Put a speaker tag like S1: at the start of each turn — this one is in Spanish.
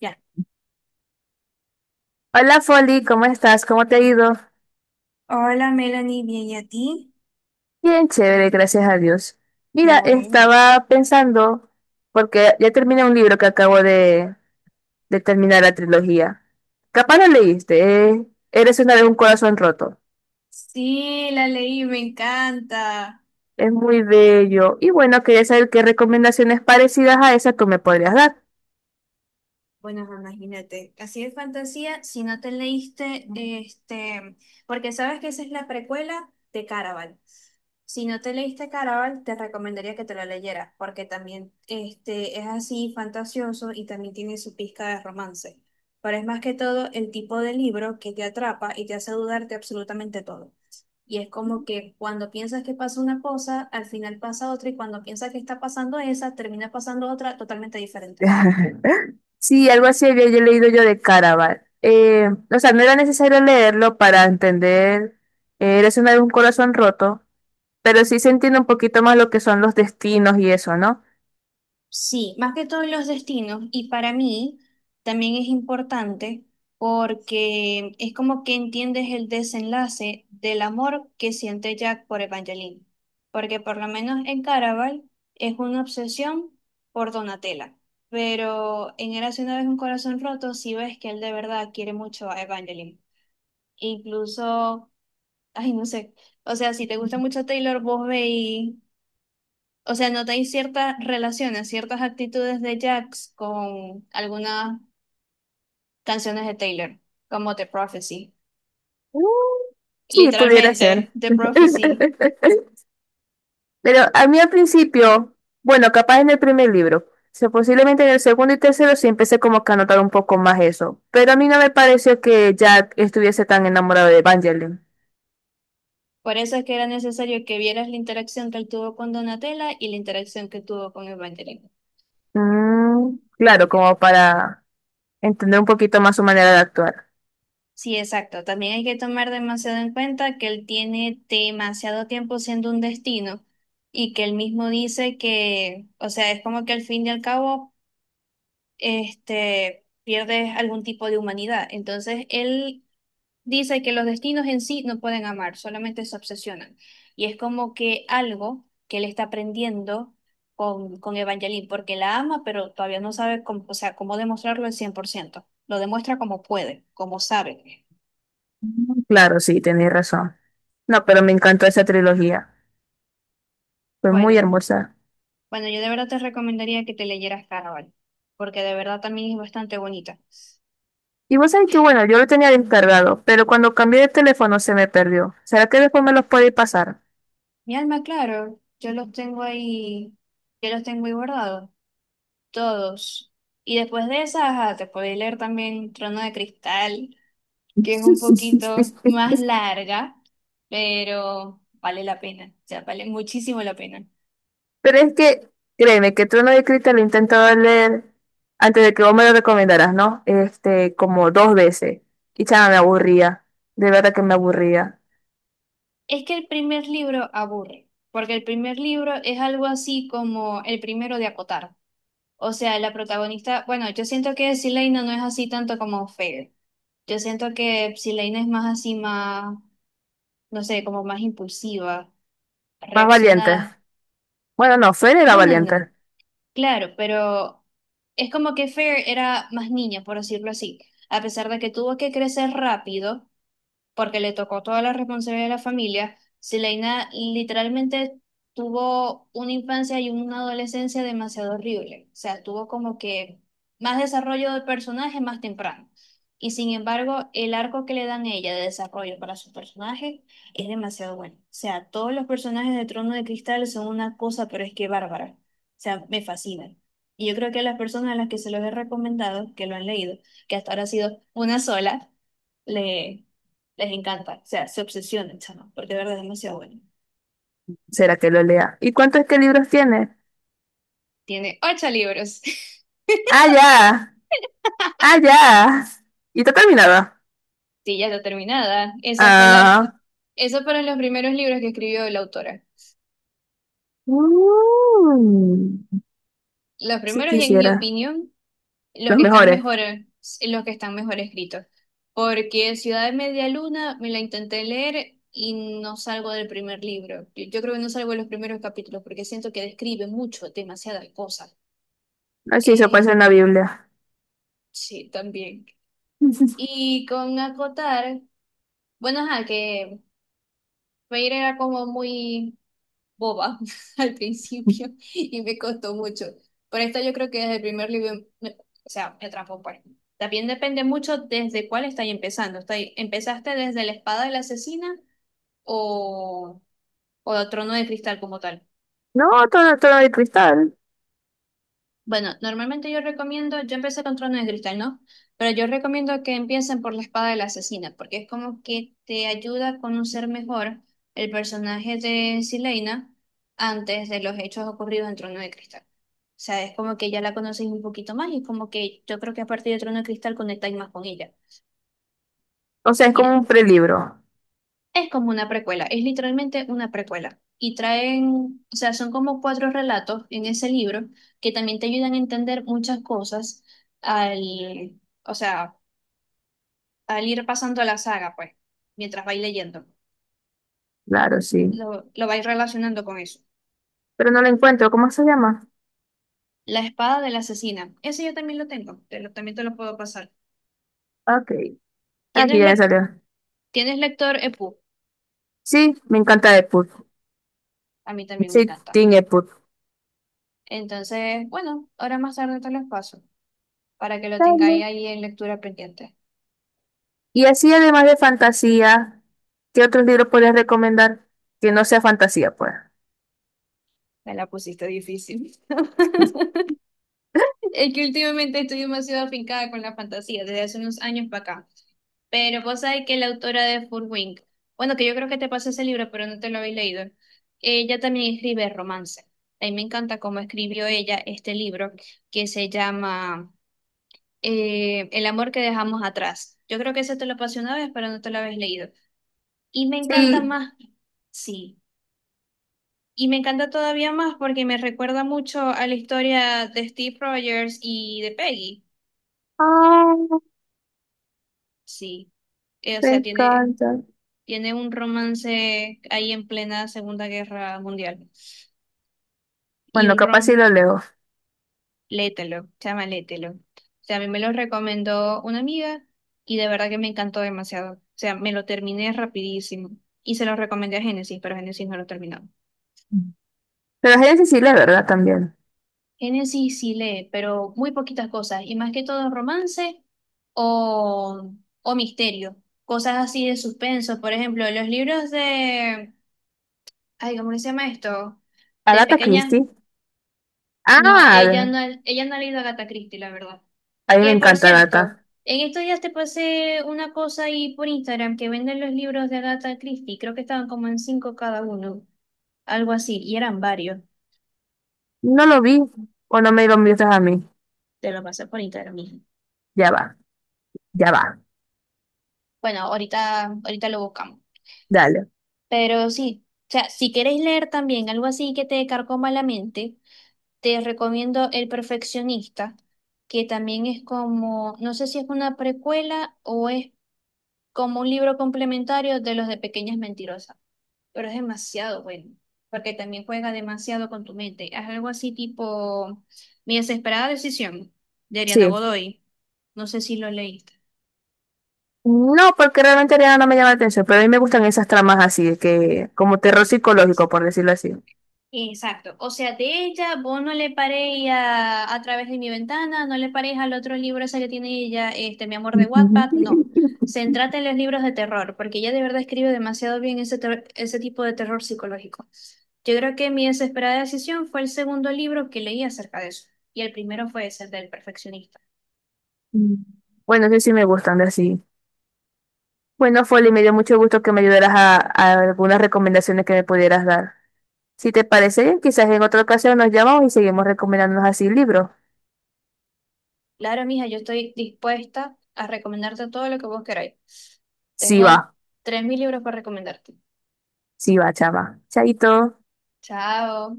S1: Ya.
S2: Hola Folly, ¿cómo estás? ¿Cómo te ha ido?
S1: Hola Melanie, bien, ¿y a ti?
S2: Bien, chévere, gracias a Dios.
S1: Qué
S2: Mira,
S1: bueno.
S2: estaba pensando, porque ya terminé un libro que acabo de terminar la trilogía. Capaz lo leíste, ¿eh? Eres una vez un corazón roto.
S1: Sí, la leí, me encanta.
S2: Es muy bello. Y bueno, quería saber qué recomendaciones parecidas a esa tú me podrías dar.
S1: Bueno, ajá, imagínate, así de fantasía, si no te leíste, Ujú. Porque sabes que esa es la precuela de Caraval. Si no te leíste Caraval, te recomendaría que te lo leyeras, porque también es así fantasioso y también tiene su pizca de romance. Pero es más que todo el tipo de libro que te atrapa y te hace dudar de absolutamente todo. Y es como que cuando piensas que pasa una cosa, al final pasa otra, y cuando piensas que está pasando esa, termina pasando otra totalmente diferente.
S2: Sí, algo así había yo leído yo de Caraval. O sea, no era necesario leerlo para entender Eres una vez un corazón roto. Pero sí se entiende un poquito más lo que son los destinos y eso, ¿no?
S1: Sí, más que todos los destinos. Y para mí también es importante porque es como que entiendes el desenlace del amor que siente Jack por Evangeline. Porque por lo menos en Caraval es una obsesión por Donatella. Pero en Érase una vez un corazón roto, sí ves que él de verdad quiere mucho a Evangeline. Incluso, ay, no sé. O sea, si te gusta mucho Taylor, vos veis, o sea, notáis ciertas relaciones, ciertas actitudes de Jax con algunas canciones de Taylor, como The Prophecy.
S2: Mm. Sí, pudiera
S1: Literalmente,
S2: ser.
S1: The Prophecy.
S2: Pero a mí al principio, bueno, capaz en el primer libro, o sea, posiblemente en el segundo y tercero sí empecé como que a notar un poco más eso. Pero a mí no me pareció que Jack estuviese tan enamorado de Evangeline.
S1: Por eso es que era necesario que vieras la interacción que él tuvo con Donatella y la interacción que tuvo con Evangeline.
S2: Mm, claro,
S1: Porque-
S2: como para entender un poquito más su manera de actuar.
S1: Sí, exacto. También hay que tomar demasiado en cuenta que él tiene demasiado tiempo siendo un destino y que él mismo dice que, o sea, es como que al fin y al cabo pierdes algún tipo de humanidad. Entonces, él dice que los destinos en sí no pueden amar, solamente se obsesionan. Y es como que algo que él está aprendiendo con Evangeline, porque la ama, pero todavía no sabe cómo, o sea, cómo demostrarlo al 100%. Lo demuestra como puede, como sabe.
S2: Claro, sí, tenéis razón. No, pero me encantó esa trilogía. Fue muy
S1: Bueno,
S2: hermosa.
S1: bueno, yo de verdad te recomendaría que te leyeras Caraval, porque de verdad también es bastante bonita.
S2: Y vos sabés que, bueno, yo lo tenía descargado, pero cuando cambié de teléfono se me perdió. ¿Será que después me los puede pasar?
S1: Mi alma, claro, yo los tengo ahí, yo los tengo ahí guardados. Todos. Y después de esa, ajá, te podéis leer también Trono de Cristal, que es un poquito más larga, pero vale la pena, o sea, vale muchísimo la pena.
S2: Pero es que, créeme, que Trono de Cristal lo he intentado leer antes de que vos me lo recomendaras, ¿no? Este, como dos veces. Y chama, me aburría. De verdad que me aburría.
S1: Es que el primer libro aburre, porque el primer libro es algo así como el primero de acotar. O sea, la protagonista, bueno, yo siento que Sileina no es así tanto como Fair. Yo siento que Sileina es más así, más, no sé, como más impulsiva,
S2: Más valiente.
S1: reacciona.
S2: Bueno, no, Fer era
S1: Bueno, no.
S2: valiente.
S1: Claro, pero es como que Fair era más niña, por decirlo así, a pesar de que tuvo que crecer rápido, porque le tocó toda la responsabilidad de la familia. Sileina literalmente tuvo una infancia y una adolescencia demasiado horrible. O sea, tuvo como que más desarrollo del personaje más temprano. Y sin embargo, el arco que le dan a ella de desarrollo para su personaje es demasiado bueno. O sea, todos los personajes de Trono de Cristal son una cosa, pero es que bárbara. O sea, me fascinan. Y yo creo que las personas a las que se los he recomendado, que lo han leído, que hasta ahora ha sido una sola, le, les encanta, o sea, se obsesionan, chama, porque de verdad es demasiado bueno.
S2: ¿Será que lo lea? ¿Y cuántos qué libros tiene?
S1: Tiene ocho libros.
S2: ¡Ah, ya! ¡Ah, ya! ¿Y está terminada?
S1: Sí, ya está terminada. Esa fue la,
S2: Ah.
S1: esos fueron los primeros libros que escribió la autora.
S2: Mm.
S1: Los
S2: Si
S1: primeros, y en mi
S2: quisiera,
S1: opinión, los
S2: los
S1: que están
S2: mejores.
S1: mejor, los que están mejor escritos. Porque Ciudad de Media Luna me la intenté leer y no salgo del primer libro. Yo creo que no salgo de los primeros capítulos porque siento que describe mucho, demasiadas cosas.
S2: Así se puede
S1: Eh,
S2: hacer en la Biblia.
S1: sí, también. Y con acotar, bueno, ajá, que Reír era como muy boba al principio y me costó mucho. Por esta yo creo que desde el primer libro, o sea, me atrapó pues. También depende mucho desde cuál estáis empezando. ¿Estáis, empezaste desde la espada de la asesina o, o el trono de cristal como tal?
S2: No, todo, todo de cristal.
S1: Bueno, normalmente yo recomiendo, yo empecé con Trono de Cristal, ¿no? Pero yo recomiendo que empiecen por la espada de la asesina, porque es como que te ayuda a conocer mejor el personaje de Silena antes de los hechos ocurridos en Trono de Cristal. O sea, es como que ya la conoces un poquito más y es como que yo creo que a partir de Trono de Cristal conectáis más con ella.
S2: O sea, es como un prelibro.
S1: Es como una precuela, es literalmente una precuela. Y traen, o sea, son como cuatro relatos en ese libro que también te ayudan a entender muchas cosas al, o sea, al ir pasando la saga, pues, mientras vais leyendo.
S2: Claro, sí.
S1: Lo vais relacionando con eso.
S2: Pero no lo encuentro. ¿Cómo se llama?
S1: La espada de la asesina, ese yo también lo tengo, también te lo puedo pasar.
S2: Ok. Aquí
S1: ¿Tienes,
S2: ya me
S1: lec-
S2: salió.
S1: tienes lector EPUB?
S2: Sí, me encanta Deadpool.
S1: A mí también me
S2: Sí,
S1: encanta.
S2: Team Deadpool.
S1: Entonces, bueno, ahora más tarde te lo paso para que lo tengáis
S2: Dale.
S1: ahí en lectura pendiente.
S2: Y así, además de fantasía, ¿qué otros libros podrías recomendar que no sea fantasía, pues?
S1: Me la pusiste difícil. Es que últimamente estoy demasiado afincada con la fantasía, desde hace unos años para acá. Pero vos sabés que la autora de Furwink, bueno, que yo creo que te pasé ese libro, pero no te lo habéis leído, ella también escribe romance. A mí me encanta cómo escribió ella este libro que se llama El amor que dejamos atrás. Yo creo que ese te lo pasé una vez, pero no te lo habéis leído. Y me encanta
S2: Sí.
S1: más, sí. Y me encanta todavía más porque me recuerda mucho a la historia de Steve Rogers y de Peggy.
S2: Ah,
S1: Sí. O
S2: me
S1: sea, tiene,
S2: encanta.
S1: tiene un romance ahí en plena Segunda Guerra Mundial. Y
S2: Bueno,
S1: un
S2: capaz sí
S1: rom,
S2: lo leo.
S1: lételo, chama, lételo. O sea, a mí me lo recomendó una amiga y de verdad que me encantó demasiado. O sea, me lo terminé rapidísimo. Y se lo recomendé a Génesis, pero Génesis no lo terminó.
S2: Pero es Cecilia, ¿verdad? También.
S1: Génesis sí sí lee, pero muy poquitas cosas, y más que todo romance o, o misterio, cosas así de suspenso. Por ejemplo, los libros de, ay, ¿cómo que se llama esto? De
S2: Agatha
S1: pequeña,
S2: Christie.
S1: no,
S2: Ah,
S1: ella no ha leído a Agatha Christie, la verdad.
S2: a mí me
S1: Que por
S2: encanta
S1: cierto,
S2: Agatha.
S1: en estos días te pasé una cosa ahí por Instagram que venden los libros de Agatha Christie, creo que estaban como en cinco cada uno, algo así, y eran varios,
S2: No lo vi. O no me lo miras a mí.
S1: te lo pasé por Instagram.
S2: Ya va, ya va.
S1: Bueno, ahorita, ahorita lo buscamos.
S2: Dale.
S1: Pero sí, o sea, si queréis leer también algo así que te carcoma la mente, te recomiendo El Perfeccionista, que también es como, no sé si es una precuela o es como un libro complementario de los de Pequeñas Mentirosas, pero es demasiado bueno, porque también juega demasiado con tu mente. Es algo así tipo Mi desesperada decisión de Ariana
S2: Sí.
S1: Godoy. No sé si lo leíste.
S2: No, porque realmente Ariana no me llama la atención, pero a mí me gustan esas tramas así, que como terror psicológico, por decirlo así.
S1: Exacto. O sea, de ella, vos no le paréis a través de mi ventana, no le paréis al otro libro ese que tiene ella, Mi amor de Wattpad, no. Centrate en los libros de terror, porque ella de verdad escribe demasiado bien ese tipo de terror psicológico. Yo creo que Mi desesperada decisión fue el segundo libro que leí acerca de eso, y el primero fue ese el del perfeccionista.
S2: Bueno, sí, sí me gustan de así. Bueno, Folly, me dio mucho gusto que me ayudaras a algunas recomendaciones que me pudieras dar. Si te parece bien, quizás en otra ocasión nos llamamos y seguimos recomendándonos así libros.
S1: Claro, mija, yo estoy dispuesta a recomendarte todo lo que vos queráis.
S2: Sí, va.
S1: Tengo 3.000 libros para recomendarte.
S2: Sí, va, chava. Chaito.
S1: Chao.